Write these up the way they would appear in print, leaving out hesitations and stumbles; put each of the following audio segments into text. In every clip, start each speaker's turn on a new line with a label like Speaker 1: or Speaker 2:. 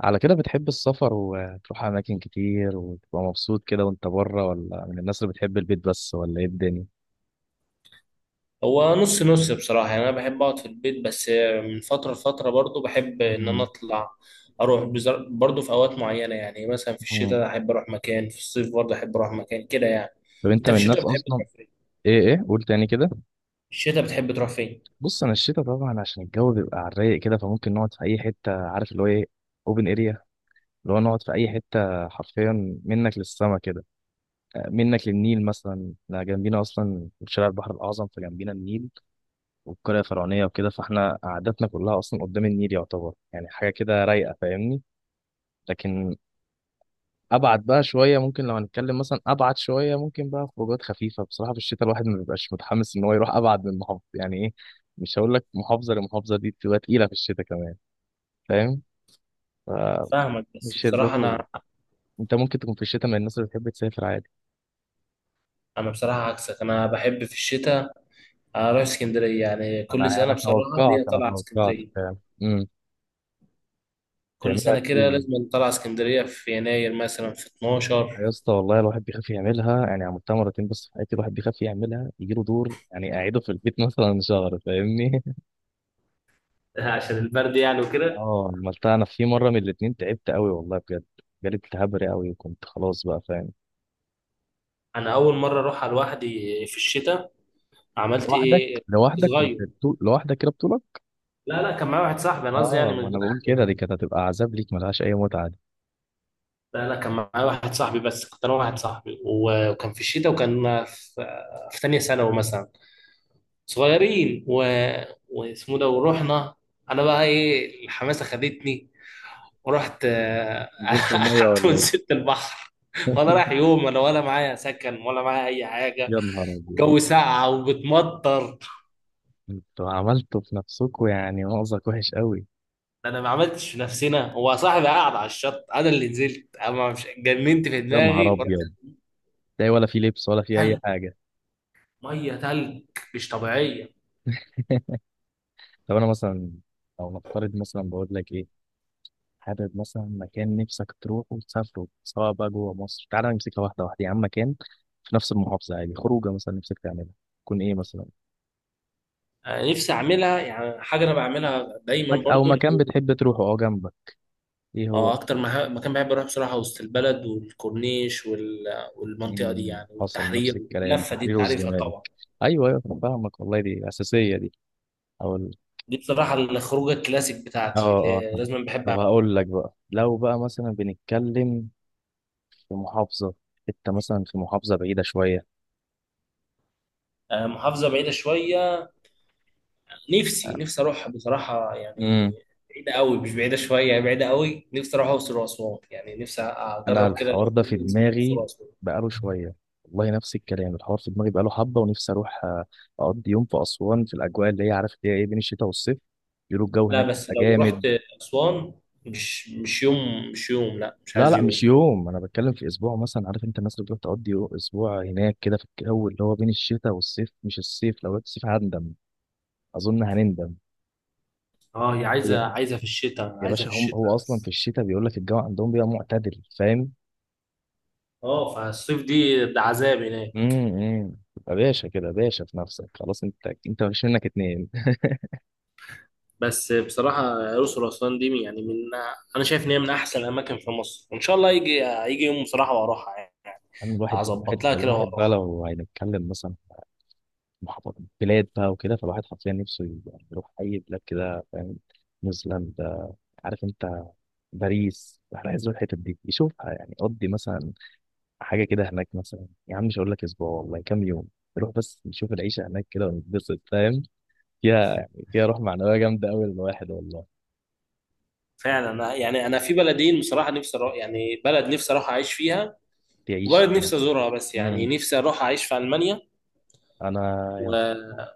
Speaker 1: على كده بتحب السفر وتروح أماكن كتير وتبقى مبسوط كده وأنت بره ولا من الناس اللي بتحب البيت بس ولا إيه الدنيا؟
Speaker 2: هو نص نص بصراحة، يعني أنا بحب أقعد في البيت بس. من فترة لفترة برضو بحب إن أنا
Speaker 1: مم.
Speaker 2: أطلع. برضو في أوقات معينة، يعني مثلا في
Speaker 1: مم.
Speaker 2: الشتاء أحب أروح مكان، في الصيف برضو أحب أروح مكان كده يعني.
Speaker 1: طب أنت
Speaker 2: أنت
Speaker 1: من
Speaker 2: في الشتاء
Speaker 1: الناس
Speaker 2: بتحب
Speaker 1: أصلا
Speaker 2: تروح فين؟
Speaker 1: إيه قول تاني كده.
Speaker 2: في الشتاء بتحب تروح فين؟
Speaker 1: بص أنا الشتا طبعا عشان الجو بيبقى على الرايق كده فممكن نقعد في أي حتة، عارف اللي هو إيه، أوبن إريا، اللي هو نقعد في أي حتة حرفيا منك للسما كده. آه، منك للنيل مثلا، إحنا جنبينا أصلا شارع البحر الأعظم فجنبينا النيل والقرية الفرعونية وكده، فإحنا قعدتنا كلها أصلا قدام النيل، يعتبر يعني حاجة كده رايقة، فاهمني. لكن ابعد بقى شويه، ممكن لو هنتكلم مثلا ابعد شويه، ممكن بقى خروجات خفيفه بصراحه في الشتاء، الواحد ما بيبقاش متحمس ان هو يروح ابعد من محافظه، يعني ايه، مش هقول لك محافظه لمحافظه دي بتبقى تقيله في الشتاء كمان، فاهم، فمش
Speaker 2: فاهمك، بس
Speaker 1: اللي
Speaker 2: بصراحة
Speaker 1: هو
Speaker 2: أنا
Speaker 1: انت ممكن تكون في الشتاء من الناس اللي بتحب تسافر عادي.
Speaker 2: أنا بصراحة عكسك، أنا بحب في الشتاء أروح اسكندرية. يعني كل
Speaker 1: انا
Speaker 2: سنة
Speaker 1: انا
Speaker 2: بصراحة
Speaker 1: توقعت
Speaker 2: ليا
Speaker 1: انا
Speaker 2: طلعة
Speaker 1: توقعت
Speaker 2: اسكندرية،
Speaker 1: فعلا. امم
Speaker 2: كل
Speaker 1: تعملها
Speaker 2: سنة
Speaker 1: كتير
Speaker 2: كده
Speaker 1: يعني.
Speaker 2: لازم طلعة اسكندرية في يناير مثلا، في
Speaker 1: يا
Speaker 2: 12.
Speaker 1: اسطى والله الواحد بيخاف يعملها، يعني عملتها مرتين بس في حياتي، الواحد بيخاف يعملها يجيله دور يعني اعيده في البيت مثلا شهر، فاهمني.
Speaker 2: عشان البرد يعني وكده.
Speaker 1: اه عملتها انا في مره من الاتنين تعبت قوي والله بجد، جالي التهاب رئوي وكنت خلاص بقى، فاهم.
Speaker 2: انا اول مره اروحها لوحدي في الشتاء. عملت
Speaker 1: لوحدك
Speaker 2: ايه؟ كنت
Speaker 1: لوحدك كنت
Speaker 2: صغير.
Speaker 1: بتو... لوحدك كده بطولك؟
Speaker 2: لا لا، كان معايا واحد صاحبي، انا قصدي يعني
Speaker 1: اه
Speaker 2: من
Speaker 1: ما
Speaker 2: غير
Speaker 1: انا بقول
Speaker 2: اهلي
Speaker 1: كده، دي
Speaker 2: يعني.
Speaker 1: كانت هتبقى عذاب ليك ملهاش اي متعه دي.
Speaker 2: لا لا، كان معايا واحد صاحبي، بس كنت انا واحد صاحبي، وكان في الشتاء، وكان في في تانية ثانوي مثلا، صغيرين و... واسمه ده ورحنا. انا بقى ايه الحماسه خدتني ورحت، آه.
Speaker 1: نزلت الميه
Speaker 2: قعدت
Speaker 1: ولا
Speaker 2: ونزلت البحر،
Speaker 1: ايه؟
Speaker 2: ولا رايح يوم ولا ولا معايا سكن ولا معايا اي حاجه.
Speaker 1: يا نهار ابيض،
Speaker 2: الجو ساقعه وبتمطر.
Speaker 1: انتوا عملتوا في نفسكوا يعني مأزق وحش قوي.
Speaker 2: انا ما عملتش في نفسنا، هو صاحبي قاعد على الشط، انا اللي نزلت. انا ما مش جننت في
Speaker 1: يا نهار
Speaker 2: دماغي ورحت.
Speaker 1: ابيض، تلاقي ولا في لبس ولا في اي
Speaker 2: تلج،
Speaker 1: حاجه.
Speaker 2: ميه تلج، مش طبيعيه.
Speaker 1: طب انا مثلا لو نفترض مثلا، بقول لك ايه، حابب مثلا مكان نفسك تروحه وتسافره سواء بقى جوه مصر، تعالى نمسكها واحده واحده يا عم، مكان في نفس المحافظة عادي، خروجة مثلا نفسك تعملها تكون ايه مثلا،
Speaker 2: أنا نفسي اعملها يعني حاجه انا بعملها دايما
Speaker 1: مك... او
Speaker 2: برضو اللي
Speaker 1: مكان
Speaker 2: هو،
Speaker 1: بتحب تروحه اه جنبك، ايه هو؟
Speaker 2: اه اكتر مكان بحب اروح بصراحه وسط البلد والكورنيش وال... والمنطقه دي
Speaker 1: مم،
Speaker 2: يعني،
Speaker 1: حصل نفس
Speaker 2: والتحرير،
Speaker 1: الكلام،
Speaker 2: اللفه دي
Speaker 1: تحرير
Speaker 2: انت عارفها
Speaker 1: والزمالك،
Speaker 2: طبعا.
Speaker 1: ايوه ايوه أنا فاهمك والله دي اساسية دي. او ال-
Speaker 2: دي بصراحه الخروجه الكلاسيك
Speaker 1: اه
Speaker 2: بتاعتي،
Speaker 1: اه
Speaker 2: اللي
Speaker 1: فاهم.
Speaker 2: لازم بحب
Speaker 1: طب
Speaker 2: اعملها.
Speaker 1: هقول لك بقى، لو بقى مثلا بنتكلم في محافظة، انت مثلا في محافظة بعيدة شوية،
Speaker 2: آه، محافظه بعيده شويه، نفسي نفسي اروح بصراحه يعني. بعيده قوي، مش بعيده شويه يعني، بعيده قوي نفسي اروح اقصر واسوان، يعني نفسي
Speaker 1: انا
Speaker 2: اجرب كده
Speaker 1: الحوار ده في
Speaker 2: الاكسبيرينس بتاع اقصر
Speaker 1: دماغي
Speaker 2: واسوان.
Speaker 1: بقاله شويه، والله نفس الكلام، الحوار في دماغي بقاله حبه، ونفسي اروح آه، اقضي يوم في اسوان في الاجواء اللي هي، عارف اللي هي ايه، بين الشتاء والصيف، بيقولوا الجو
Speaker 2: لا
Speaker 1: هناك
Speaker 2: بس
Speaker 1: بيبقى
Speaker 2: لو رحت
Speaker 1: جامد.
Speaker 2: اسوان، مش مش يوم، مش يوم، لا مش
Speaker 1: لا
Speaker 2: عايز
Speaker 1: لا مش
Speaker 2: يوم.
Speaker 1: يوم، انا بتكلم في اسبوع مثلا، عارف انت الناس اللي بتروح تقضي اسبوع هناك كده في الجو اللي هو بين الشتاء والصيف، مش الصيف، لو رحت الصيف هندم، اظن هنندم.
Speaker 2: اه هي
Speaker 1: يا
Speaker 2: عايزه عايزه في الشتاء،
Speaker 1: يا
Speaker 2: عايزه
Speaker 1: باشا،
Speaker 2: في
Speaker 1: هم
Speaker 2: الشتاء
Speaker 1: هو اصلا في
Speaker 2: بس.
Speaker 1: الشتاء بيقول لك الجو عندهم بيبقى معتدل، فاهم.
Speaker 2: اه فالصيف دي ده عذاب هناك.
Speaker 1: تبقى باشا كده، باشا في نفسك خلاص، انت مفيش منك اتنين
Speaker 2: بس بصراحه الاقصر واسوان دي يعني من، انا شايف ان هي من احسن الاماكن في مصر، وان شاء الله يجي يجي يوم بصراحه واروحها يعني.
Speaker 1: يعني. الواحد
Speaker 2: هظبط
Speaker 1: الواحد
Speaker 2: لها كده
Speaker 1: الواحد بقى
Speaker 2: واروحها.
Speaker 1: لو هنتكلم مثلا في محافظ- بلاد بقى وكده، فالواحد حرفيا نفسه يبقى يروح أي بلاد كده، فاهم. نيوزيلندا، عارف أنت، باريس، احنا عايز نروح الحتت دي يشوفها، يعني قضي مثلا حاجة كده هناك مثلا يا عم، مش هقول لك أسبوع والله، كام يوم نروح بس نشوف العيشة هناك كده ونتبسط، فاهم، فيها يعني فيها روح معنوية جامدة أوي للواحد والله.
Speaker 2: فعلا، يعني انا في بلدين بصراحه نفسي اروح، يعني بلد نفسي اروح اعيش فيها،
Speaker 1: تعيش
Speaker 2: وبلد
Speaker 1: في مصر.
Speaker 2: نفسي ازورها بس. يعني
Speaker 1: امم.
Speaker 2: نفسي اروح اعيش في المانيا، و...
Speaker 1: انا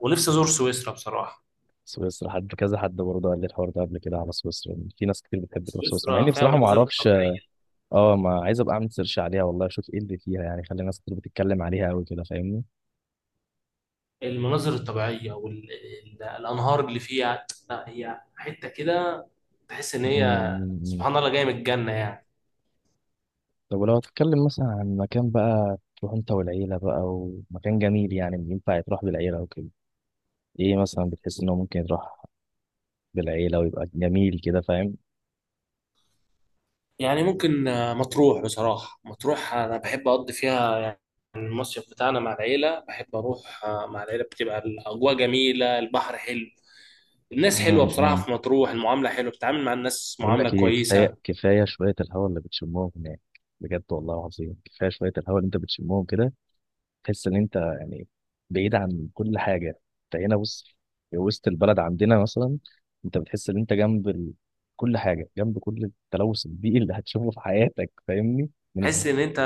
Speaker 2: ونفسي ازور سويسرا بصراحه.
Speaker 1: سويسرا، حد كذا، حد برضه قال لي الحوار ده قبل كده على سويسرا، إن في ناس كتير بتحب تروح سويسرا مع
Speaker 2: سويسرا
Speaker 1: اني
Speaker 2: فيها
Speaker 1: بصراحه ما
Speaker 2: مناظر
Speaker 1: اعرفش.
Speaker 2: طبيعيه،
Speaker 1: اه ما عايز ابقى اعمل سيرش عليها والله اشوف ايه اللي فيها يعني، خلي ناس كتير بتتكلم عليها قوي كده، فاهمني.
Speaker 2: المناظر الطبيعيه والانهار اللي فيها، لا هي حته كده تحس ان
Speaker 1: مم،
Speaker 2: هي
Speaker 1: مم، مم.
Speaker 2: سبحان الله جايه من الجنه يعني.
Speaker 1: طب ولو هتتكلم مثلا عن مكان بقى تروح انت والعيله بقى، ومكان جميل يعني ينفع يتروح بالعيله وكده، ايه مثلا بتحس انه ممكن يروح بالعيله ويبقى جميل كده، فاهم.
Speaker 2: يعني ممكن آه، مطروح بصراحه، مطروح انا بحب اقضي فيها يعني. المصيف بتاعنا مع العيله، بحب اروح آه، مع العيله، بتبقى الاجواء جميله، البحر حلو، الناس حلوه.
Speaker 1: مم،
Speaker 2: بصراحه
Speaker 1: مم.
Speaker 2: في مطروح المعامله حلوه، بتتعامل مع الناس
Speaker 1: بقول
Speaker 2: معامله
Speaker 1: لك ايه،
Speaker 2: كويسه.
Speaker 1: كفايه كفايه شويه الهواء اللي بتشمهم هناك، بجد والله العظيم، كفايه شويه الهواء اللي انت بتشمهم كده، تحس ان انت يعني بعيد عن كل حاجه. انت هنا، بص، في وسط البلد عندنا مثلا، انت بتحس ان انت كل حاجه جنب كل التلوث البيئي اللي هتشوفه في حياتك، فاهمني، من الز...
Speaker 2: تحس ان انت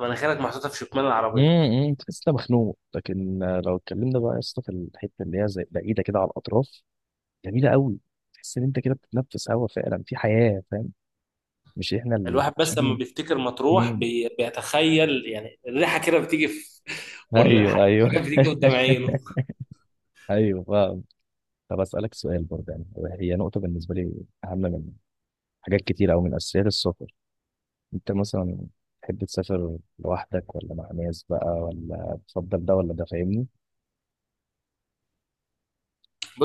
Speaker 2: مناخيرك محطوطه في شكمان العربيه.
Speaker 1: تحس انت مخنوق. لكن آه، لو اتكلمنا بقى يا اسطى في الحته اللي هي زي بعيده كده على الاطراف، جميله قوي، تحس ان انت كده بتتنفس هوا فعلا في حياه، فاهم، مش احنا اللي
Speaker 2: الواحد بس لما
Speaker 1: عايشين.
Speaker 2: بيفتكر مطروح
Speaker 1: امم.
Speaker 2: بيتخيل يعني الريحه كده بتيجي في
Speaker 1: ايوه
Speaker 2: والحاجات
Speaker 1: ايوه.
Speaker 2: بتيجي قدام عينه.
Speaker 1: ايوه فاهم. طب اسالك سؤال برضه يعني، هي نقطه بالنسبه لي اهم منها حاجات كتير أوي من أساسيات السفر، أنت مثلا تحب تسافر لوحدك ولا مع ناس بقى، ولا تفضل ده ولا ده فاهمني؟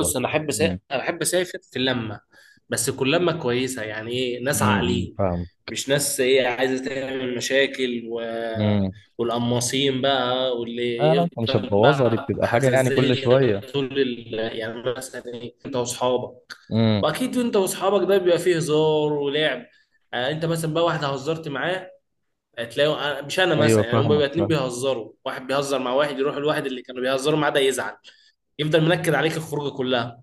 Speaker 1: ولا.
Speaker 2: انا
Speaker 1: مم.
Speaker 2: انا احب اسافر في اللمه، بس تكون لمه كويسه، يعني ايه ناس
Speaker 1: مم. مم.
Speaker 2: عاقلين،
Speaker 1: فاهم.
Speaker 2: مش ناس ايه عايزه تعمل مشاكل و...
Speaker 1: مم.
Speaker 2: والقماصين بقى واللي
Speaker 1: أنا أنت مش
Speaker 2: يفضل
Speaker 1: هتبوظها دي
Speaker 2: بقى
Speaker 1: بتبقى حاجة يعني كل
Speaker 2: حزازيه.
Speaker 1: شوية.
Speaker 2: يعني مثلا ايه انت واصحابك،
Speaker 1: مم.
Speaker 2: واكيد انت واصحابك ده بيبقى فيه هزار ولعب. آه انت مثلا بقى واحد هزرت معاه، هتلاقيه مش انا
Speaker 1: أيوه
Speaker 2: مثلا، يعني هم
Speaker 1: فاهمك
Speaker 2: بيبقى اتنين
Speaker 1: فاهم.
Speaker 2: بيهزروا، واحد بيهزر مع واحد، يروح الواحد اللي كانوا بيهزروا معاه ده يزعل، يفضل منكد عليك الخروجه كلها.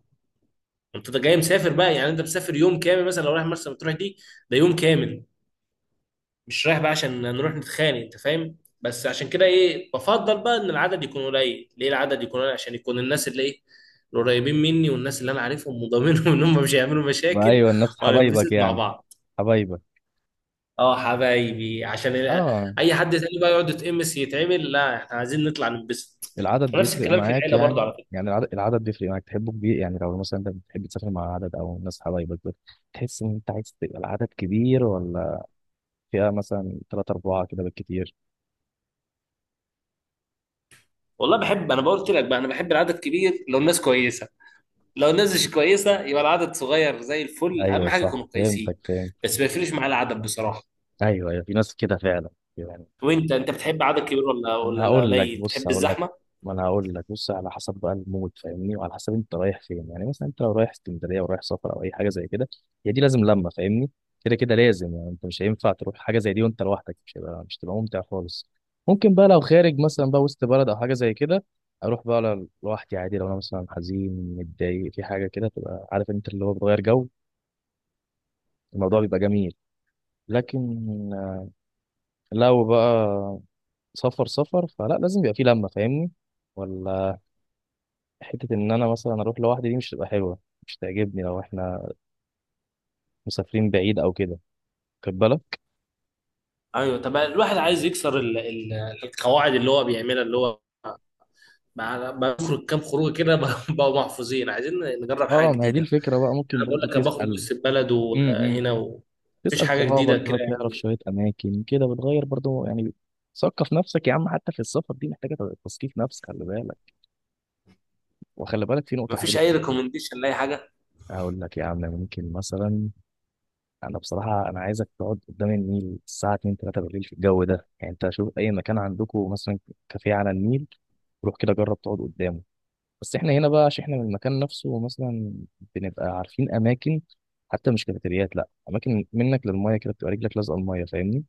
Speaker 2: انت ده جاي مسافر بقى، يعني انت مسافر يوم كامل، مثلا لو رايح مرسى مطروح دي، ده يوم كامل، مش رايح بقى عشان نروح نتخانق، انت فاهم. بس عشان كده ايه، بفضل بقى ان العدد يكون قليل. ليه العدد يكون قليل؟ عشان يكون الناس اللي ايه، القريبين مني، والناس اللي انا عارفهم وضامنهم ان هم مش هيعملوا مشاكل،
Speaker 1: أيوه الناس حبايبك
Speaker 2: وهننبسط مع
Speaker 1: يعني،
Speaker 2: بعض.
Speaker 1: حبايبك،
Speaker 2: اه حبايبي عشان ال-،
Speaker 1: اه.
Speaker 2: اي حد تاني بقى يقعد يتقمص يتعمل، لا احنا عايزين نطلع ننبسط.
Speaker 1: العدد
Speaker 2: ونفس
Speaker 1: بيفرق
Speaker 2: الكلام في
Speaker 1: معاك
Speaker 2: العيله برضو
Speaker 1: يعني،
Speaker 2: على فكره.
Speaker 1: العدد بيفرق معاك، تحبه كبير؟ يعني لو مثلا انت بتحب تسافر مع عدد او ناس حبايبك، تحس ان انت عايز تبقى العدد كبير ولا فئة مثلا ثلاثة أربعة كده بالكتير؟
Speaker 2: والله بحب، انا بقول لك بقى، انا بحب العدد كبير لو الناس كويسه، لو الناس مش كويسه يبقى العدد صغير زي الفل، اهم
Speaker 1: ايوه
Speaker 2: حاجه
Speaker 1: صح
Speaker 2: يكونوا
Speaker 1: فهمتك
Speaker 2: كويسين.
Speaker 1: فهمت.
Speaker 2: بس ما يفرقش معايا العدد بصراحه.
Speaker 1: ايوه ايوه في ناس كده فعلا يعني.
Speaker 2: وانت بتحب عدد كبير ولا ولا
Speaker 1: انا
Speaker 2: ولا
Speaker 1: هقول لك
Speaker 2: قليل؟
Speaker 1: بص
Speaker 2: بتحب
Speaker 1: هقول لك
Speaker 2: الزحمه؟
Speaker 1: ما انا هقول لك بص، على حسب بقى المود، فاهمني، وعلى حسب انت رايح فين، يعني مثلا انت لو رايح اسكندريه ورايح سفر او اي حاجه زي كده، هي دي لازم لمه، فاهمني، كده كده لازم، يعني انت مش هينفع تروح حاجه زي دي وانت لوحدك، مش هيبقى، مش تبقى ممتع خالص. ممكن بقى لو خارج مثلا بقى وسط بلد او حاجه زي كده، اروح بقى لوحدي عادي، لو انا مثلا حزين متضايق في حاجه كده، تبقى عارف انت اللي هو بتغير جو، الموضوع بيبقى جميل. لكن لو بقى سفر سفر فلا، لازم يبقى فيه لمة، فاهمني، ولا حتة إن أنا مثلا أروح لوحدي دي مش هتبقى حلوة، مش تعجبني لو إحنا مسافرين بعيد أو كده، خد بالك.
Speaker 2: ايوه، طب الواحد عايز يكسر القواعد اللي هو بيعملها، اللي هو بخرج كام خروج كده بقوا محفوظين، عايزين نجرب حاجه
Speaker 1: اه ما هي دي
Speaker 2: جديده.
Speaker 1: الفكرة بقى،
Speaker 2: يعني
Speaker 1: ممكن
Speaker 2: انا بقول
Speaker 1: برضو
Speaker 2: لك، انا بخرج
Speaker 1: تسأل،
Speaker 2: وسط البلد
Speaker 1: امم،
Speaker 2: وهنا ومفيش
Speaker 1: تسأل
Speaker 2: حاجه
Speaker 1: صحابك
Speaker 2: جديده كده
Speaker 1: بقى، تعرف
Speaker 2: يعني.
Speaker 1: شوية أماكن كده بتغير برضو يعني، ثقف نفسك يا عم، حتى في السفر دي محتاجة تثقيف نفس، خلي بالك، وخلي بالك في نقطة
Speaker 2: مفيش
Speaker 1: حلوة.
Speaker 2: اي ريكومنديشن لاي حاجه.
Speaker 1: هقول لك يا عم، ممكن مثلا، انا بصراحه انا عايزك تقعد قدام النيل الساعه 2 3 بالليل في الجو ده، يعني انت شوف اي مكان عندكم مثلا كافيه على النيل، روح كده جرب تقعد قدامه. بس احنا هنا بقى عشان احنا من المكان نفسه مثلا، بنبقى عارفين اماكن، حتى مش كافيتريات، لا اماكن منك للميه كده، بتبقى رجلك لازقه الميه، فاهمني،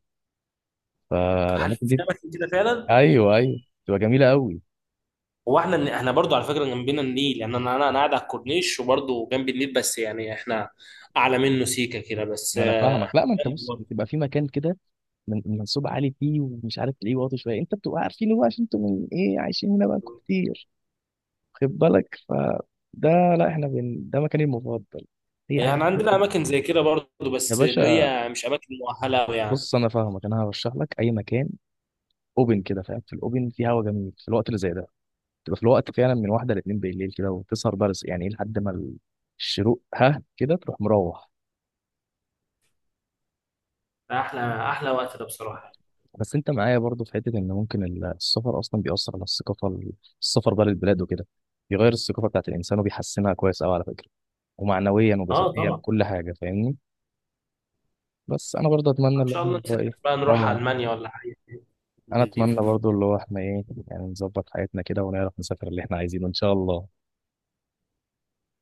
Speaker 2: هل
Speaker 1: فالاماكن
Speaker 2: في
Speaker 1: دي.
Speaker 2: اماكن كده فعلا؟
Speaker 1: ايوه ايوه بتبقى جميله قوي.
Speaker 2: هو احنا احنا برضو على فكره جنبنا النيل، يعني انا انا أنا قاعد على الكورنيش وبرضو جنب النيل، بس يعني احنا اعلى منه سيكه كده بس،
Speaker 1: ما انا
Speaker 2: آه.
Speaker 1: فاهمك، لا ما انت بص بتبقى في مكان كده من منسوب عالي فيه، ومش عارف تلاقيه واطي شويه، انت بتبقى عارفينه بقى عشان انتوا من ايه عايشين هنا بقى كتير، خد بالك، فده. لا احنا بن... ده مكاني المفضل. اي حاجه لها
Speaker 2: يعني
Speaker 1: علاقة
Speaker 2: عندنا اماكن زي كده برضو،
Speaker 1: يا
Speaker 2: بس اللي
Speaker 1: باشا،
Speaker 2: هي مش اماكن مؤهله أوي يعني.
Speaker 1: بص انا فاهمك، انا هرشح لك اي مكان اوبن كده، فاهم، في الاوبن في هوا جميل في الوقت اللي زي ده، تبقى في الوقت فعلا من واحده لاتنين بالليل كده، وتسهر بقى يعني ايه، لحد ما الشروق، ها كده تروح مروح.
Speaker 2: احلى احلى وقت ده بصراحه.
Speaker 1: بس انت معايا برضو في حته ان ممكن السفر اصلا بيأثر على الثقافه، السفر بقى للبلاد وكده بيغير الثقافه بتاعت الانسان وبيحسنها كويس قوي على فكره، ومعنويا
Speaker 2: اه
Speaker 1: وجسديا
Speaker 2: طبعا.
Speaker 1: كل حاجه، فاهمني. بس انا برضه اتمنى
Speaker 2: ان
Speaker 1: ان
Speaker 2: شاء
Speaker 1: احنا
Speaker 2: الله
Speaker 1: هو
Speaker 2: نسافر
Speaker 1: ايه،
Speaker 2: بقى نروح
Speaker 1: اه،
Speaker 2: المانيا ولا حاجه
Speaker 1: انا
Speaker 2: دي.
Speaker 1: اتمنى برضو اللي هو احنا ايه، يعني نظبط حياتنا كده ونعرف نسافر اللي احنا عايزينه ان شاء الله.